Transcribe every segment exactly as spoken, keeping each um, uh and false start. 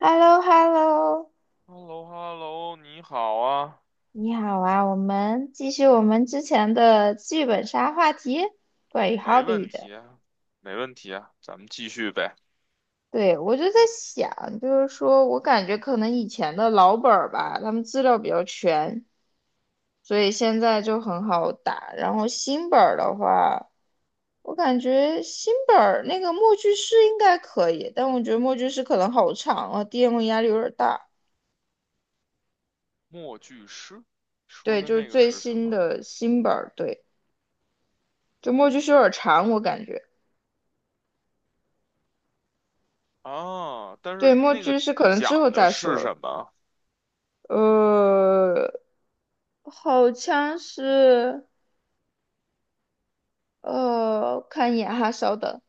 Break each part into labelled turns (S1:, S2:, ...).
S1: h e l l o h e l l o
S2: h e l l o h e l l o 你好啊。
S1: 你好啊，我们继续我们之前的剧本杀话题，关于
S2: 没问
S1: hobby 的。
S2: 题啊，没问题啊，咱们继续呗。
S1: 对，我就在想，就是说我感觉可能以前的老本儿吧，他们资料比较全，所以现在就很好打。然后新本儿的话，我感觉新本儿那个默剧师应该可以，但我觉得默剧师可能好长啊，D M 压力有点大。
S2: 默剧诗说
S1: 对，
S2: 的
S1: 就是
S2: 那个
S1: 最
S2: 是什
S1: 新
S2: 么
S1: 的新本儿，对，就默剧师有点长，我感觉。
S2: 啊？但
S1: 对，
S2: 是
S1: 墨
S2: 那个
S1: 剧是可能
S2: 讲
S1: 之后
S2: 的
S1: 再说
S2: 是
S1: 了。
S2: 什么？
S1: 呃，好像是，呃，看一眼哈，稍等。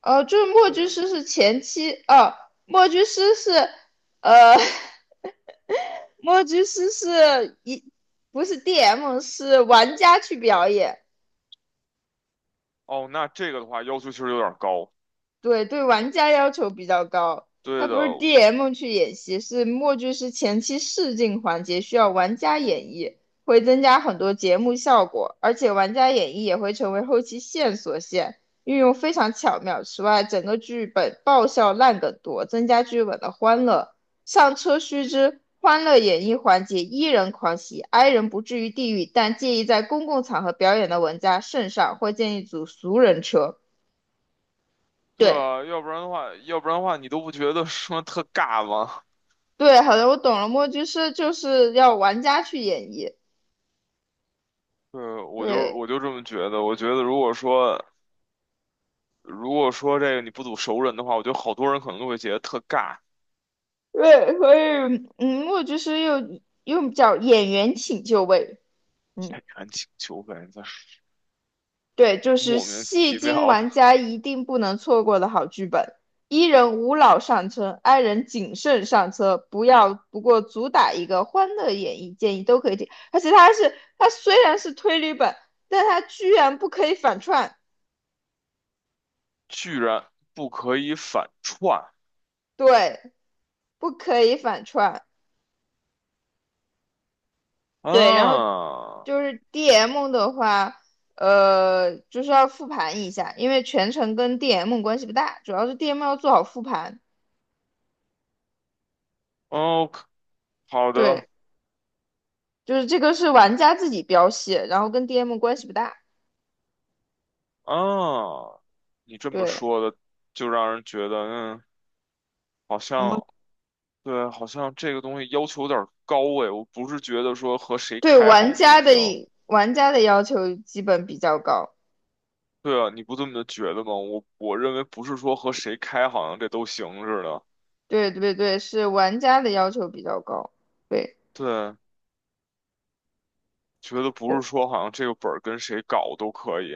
S1: 呃，就是墨剧
S2: 对。
S1: 师是前期，哦，墨剧师是，呃，默剧师是一，不是 D M，是玩家去表演。
S2: 哦，那这个的话要求其实有点高。
S1: 对对，玩家要求比较高。它
S2: 对的。
S1: 不是 D M 去演习，是默剧是前期试镜环节需要玩家演绎，会增加很多节目效果，而且玩家演绎也会成为后期线索线，运用非常巧妙。此外，整个剧本爆笑烂梗多，增加剧本的欢乐。上车须知，欢乐演绎环节，E 人狂喜，I 人不至于地狱，但介意在公共场合表演的玩家慎上，或建议组俗人车。
S2: 对
S1: 对。
S2: 啊，要不然的话，要不然的话，你都不觉得说特尬吗？
S1: 对，好的，我懂了。墨剧是就是要玩家去演绎，
S2: 对，我就
S1: 对
S2: 我就这么觉得。我觉得如果说如果说这个你不组熟人的话，我觉得好多人可能都会觉得特尬。
S1: 对，所以嗯，墨剧是又又叫演员请就位，嗯，
S2: 演员请求呗，你在
S1: 对，就是
S2: 莫名
S1: 戏
S2: 其
S1: 精
S2: 妙的，
S1: 玩家一定不能错过的好剧本。伊人无脑上车，i 人谨慎上车，不要不过主打一个欢乐演绎，建议都可以听。而且它是它虽然是推理本，但它居然不可以反串，
S2: 居然不可以反串
S1: 对，不可以反串。对，然后
S2: 啊。
S1: 就是 D M 的话，呃，就是要复盘一下，因为全程跟 D M 关系不大，主要是 D M 要做好复盘。
S2: 哦，好的。
S1: 对，就是这个是玩家自己标系，然后跟 D M 关系不大。
S2: 啊，你这么
S1: 对，
S2: 说的，就让人觉得，嗯，好
S1: 我们
S2: 像对，好像这个东西要求有点儿高哎。我不是觉得说和谁
S1: 对
S2: 开好
S1: 玩
S2: 像都
S1: 家
S2: 行。
S1: 的玩家的要求基本比较高。
S2: 对啊，你不这么觉得吗？我我认为不是说和谁开好像这都行似的。
S1: 对对对，是玩家的要求比较高。对，
S2: 对，觉得不是
S1: 我
S2: 说好像这个本儿跟谁搞都可以。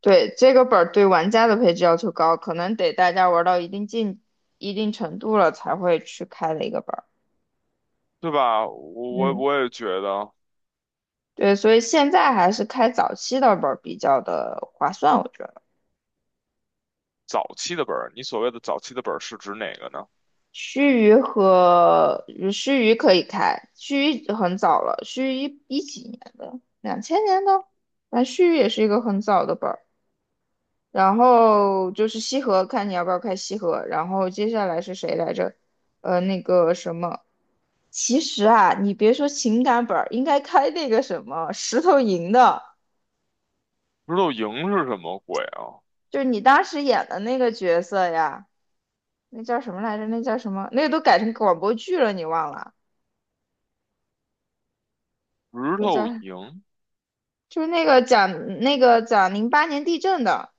S1: 对这个本儿对玩家的配置要求高，可能得大家玩到一定进一定程度了才会去开的一个本儿。
S2: 对吧？我我
S1: 嗯，
S2: 我也觉得。
S1: 对，所以现在还是开早期的本儿比较的划算，我觉得。
S2: 早期的本儿，你所谓的早期的本儿是指哪个呢？
S1: 须臾和嗯须臾可以开，须臾很早了，须臾一一几年的，两千年的，那须臾也是一个很早的本儿。然后就是西河，看你要不要开西河。然后接下来是谁来着？呃，那个什么，其实啊，你别说情感本儿，应该开那个什么石头营的，
S2: 石头营是什么鬼啊？
S1: 就是你当时演的那个角色呀。那叫什么来着？那叫什么？那个都改成广播剧了，你忘了？
S2: 石
S1: 那叫
S2: 头营？
S1: 就是那个讲那个讲零八年地震的，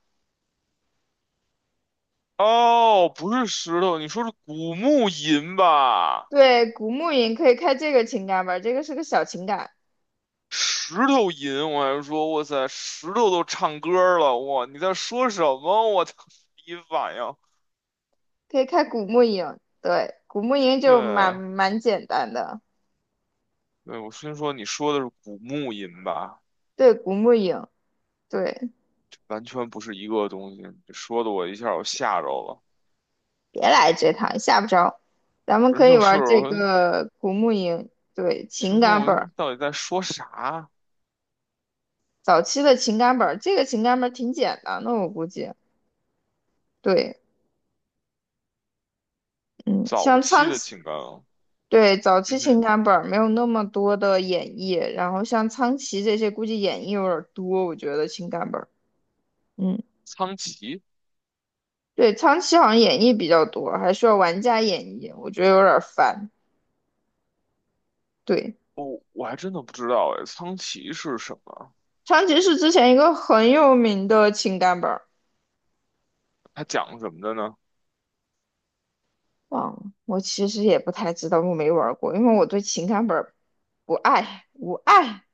S2: 哦，不是石头，你说是古墓吟吧？
S1: 对，古墓营可以开这个情感本儿，这个是个小情感，
S2: 石头吟，我还说，哇塞，石头都唱歌了，哇，你在说什么？我操，第一反应。
S1: 可以开古墓营，对，古墓营就蛮
S2: 对。
S1: 蛮简单的，
S2: 对，我先说你说的是古墓吟吧，
S1: 对，古墓营，对，
S2: 完全不是一个东西，你说的我一下我吓着了，
S1: 别来这套，吓不着，咱们
S2: 人
S1: 可以
S2: 就是
S1: 玩这
S2: 我，
S1: 个古墓营，对，
S2: 就
S1: 情
S2: 说
S1: 感本
S2: 我
S1: 儿，
S2: 到底在说啥？
S1: 早期的情感本儿，这个情感本儿挺简单的，我估计，对。嗯，
S2: 早
S1: 像
S2: 期
S1: 苍
S2: 的情感。啊？
S1: 对，早
S2: 嗯
S1: 期情
S2: 哼。
S1: 感本儿没有那么多的演绎，然后像苍崎这些估计演绎有点儿多，我觉得情感本儿，嗯，
S2: 苍崎。
S1: 对，苍崎好像演绎比较多，还需要玩家演绎，我觉得有点儿烦。对，
S2: 哦，我还真的不知道哎，苍崎是什么？
S1: 苍崎是之前一个很有名的情感本儿，
S2: 他讲什么的呢？
S1: 忘了，我其实也不太知道，我没玩儿过，因为我对情感本儿不爱无爱。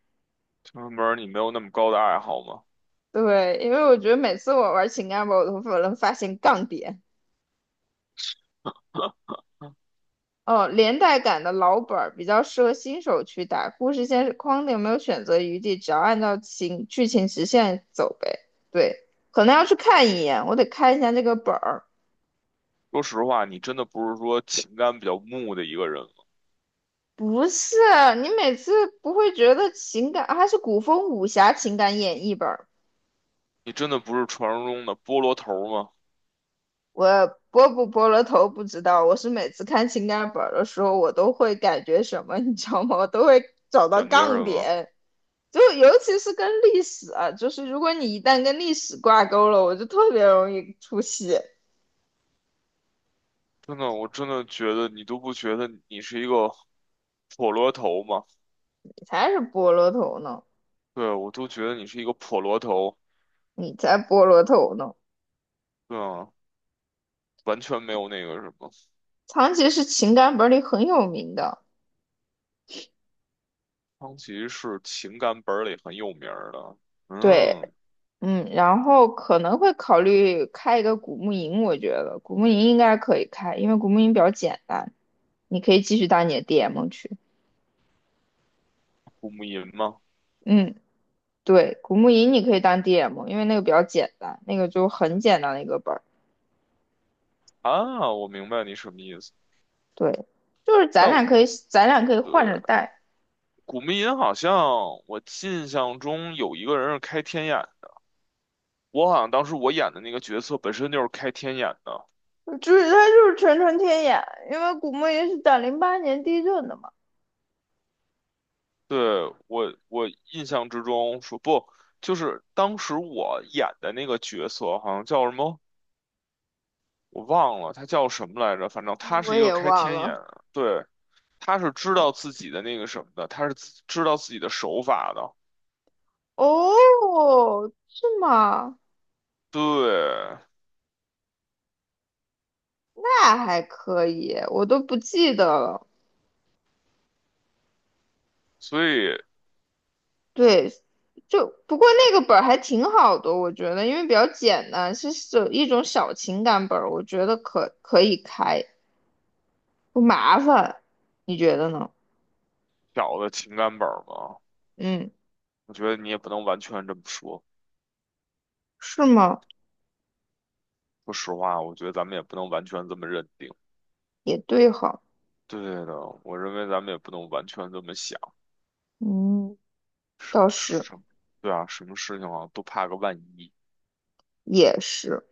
S2: 就是门儿你没有那么高的爱好吗？
S1: 对，因为我觉得每次我玩情感本儿，我都能发现杠点。
S2: 嗯，
S1: 哦，连带感的老本儿比较适合新手去打，故事线是框定，没有选择余地，只要按照情剧情直线走呗。对，可能要去看一眼，我得看一下这个本儿。
S2: 说实话，你真的不是说情感比较木的一个人吗？
S1: 不是，你每次不会觉得情感，啊还是古风武侠情感演绎本儿？
S2: 你真的不是传说中的菠萝头儿吗？
S1: 我拨不拨了头不知道，我是每次看情感本儿的时候，我都会感觉什么，你知道吗？我都会找到
S2: 感觉
S1: 杠
S2: 什么？
S1: 点。就尤其是跟历史啊，就是如果你一旦跟历史挂钩了，我就特别容易出戏。
S2: 真的，我真的觉得你都不觉得你是一个破萝头吗？
S1: 你才是菠萝头呢，
S2: 对，我都觉得你是一个破萝头。
S1: 你才菠萝头呢。
S2: 对啊，完全没有那个什么。
S1: 长崎是情感本里很有名的，
S2: 苍崎是情感本儿里很有名儿的。
S1: 对，
S2: 嗯。
S1: 嗯，然后可能会考虑开一个古墓营，我觉得古墓营应该可以开，因为古墓营比较简单，你可以继续当你的 D M 去，
S2: 古木吟吗？
S1: 嗯，对，古墓营你可以当 D M，因为那个比较简单，那个就很简单的一个本。
S2: 啊，我明白你什么意思。
S1: 对，就是咱
S2: 但
S1: 俩
S2: 我
S1: 可以，咱俩可以
S2: 对
S1: 换着带。
S2: 古茗吟好像我印象中有一个人是开天眼，我好像当时我演的那个角色本身就是开天眼的。
S1: 就是他就是纯纯天眼，因为古墓也是打零八年地震的嘛。
S2: 对，我我印象之中说不，就是当时我演的那个角色好像叫什么，我忘了他叫什么来着，反正他
S1: 我
S2: 是一个
S1: 也
S2: 开
S1: 忘
S2: 天眼，
S1: 了，
S2: 对，他是知道自己的那个什么的，他是自知道自己的手法的。
S1: 哦，是吗？
S2: 对，
S1: 那还可以，我都不记得了。
S2: 所以
S1: 对，就不过那个本儿还挺好的，我觉得，因为比较简单，是有一种小情感本儿，我觉得可可以开，不麻烦，你觉得呢？
S2: 小的情感本儿嘛。
S1: 嗯，
S2: 我觉得你也不能完全这么说。
S1: 是吗？
S2: 说实话，我觉得咱们也不能完全这么认定。
S1: 也对哈，
S2: 对的，我认为咱们也不能完全这么想。
S1: 嗯，倒是。
S2: 什么？对啊，什么事情啊，都怕个万一。
S1: 也是。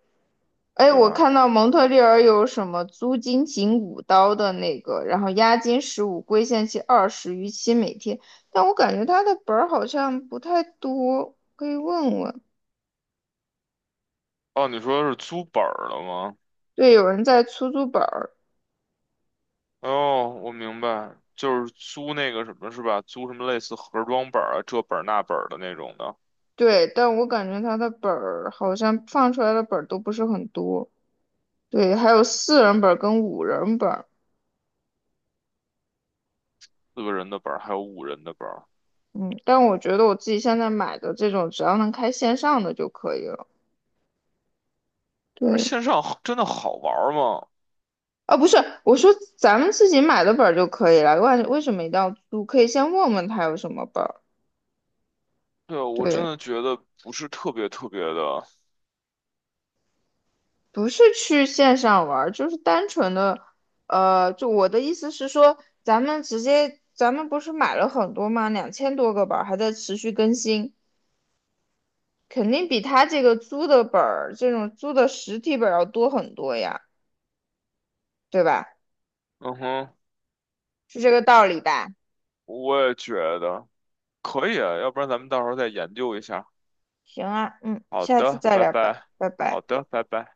S1: 哎，
S2: 对
S1: 我
S2: 吧？
S1: 看到蒙特利尔有什么租金仅五刀的那个，然后押金十五，归现期二十，逾期每天。但我感觉他的本儿好像不太多，可以问问。
S2: 哦，你说是租本儿了吗？
S1: 对，有人在出租本儿，
S2: 哦，我明白，就是租那个什么是吧？租什么类似盒装本儿啊，这本儿那本儿的那种的。
S1: 对，但我感觉他的本儿好像放出来的本儿都不是很多。对，还有四人本儿跟五人本儿，
S2: 四个人的本儿，还有五人的本儿。
S1: 嗯，但我觉得我自己现在买的这种，只要能开线上的就可以了。
S2: 但是
S1: 对，
S2: 线上好真的好玩儿吗？
S1: 啊，不是，我说咱们自己买的本儿就可以了，为为什么一定要租？可以先问问他有什么本儿。
S2: 对，我真
S1: 对，
S2: 的觉得不是特别特别的。
S1: 不是去线上玩儿，就是单纯的，呃，就我的意思是说，咱们直接，咱们不是买了很多吗？两千多个本儿还在持续更新，肯定比他这个租的本儿，这种租的实体本儿要多很多呀，对吧？
S2: 嗯哼，
S1: 是这个道理吧？
S2: 我也觉得。可以啊，要不然咱们到时候再研究一下。
S1: 行啊，嗯，
S2: 好
S1: 下次
S2: 的，
S1: 再
S2: 拜
S1: 聊吧，
S2: 拜。
S1: 拜
S2: 好
S1: 拜。
S2: 的，拜拜。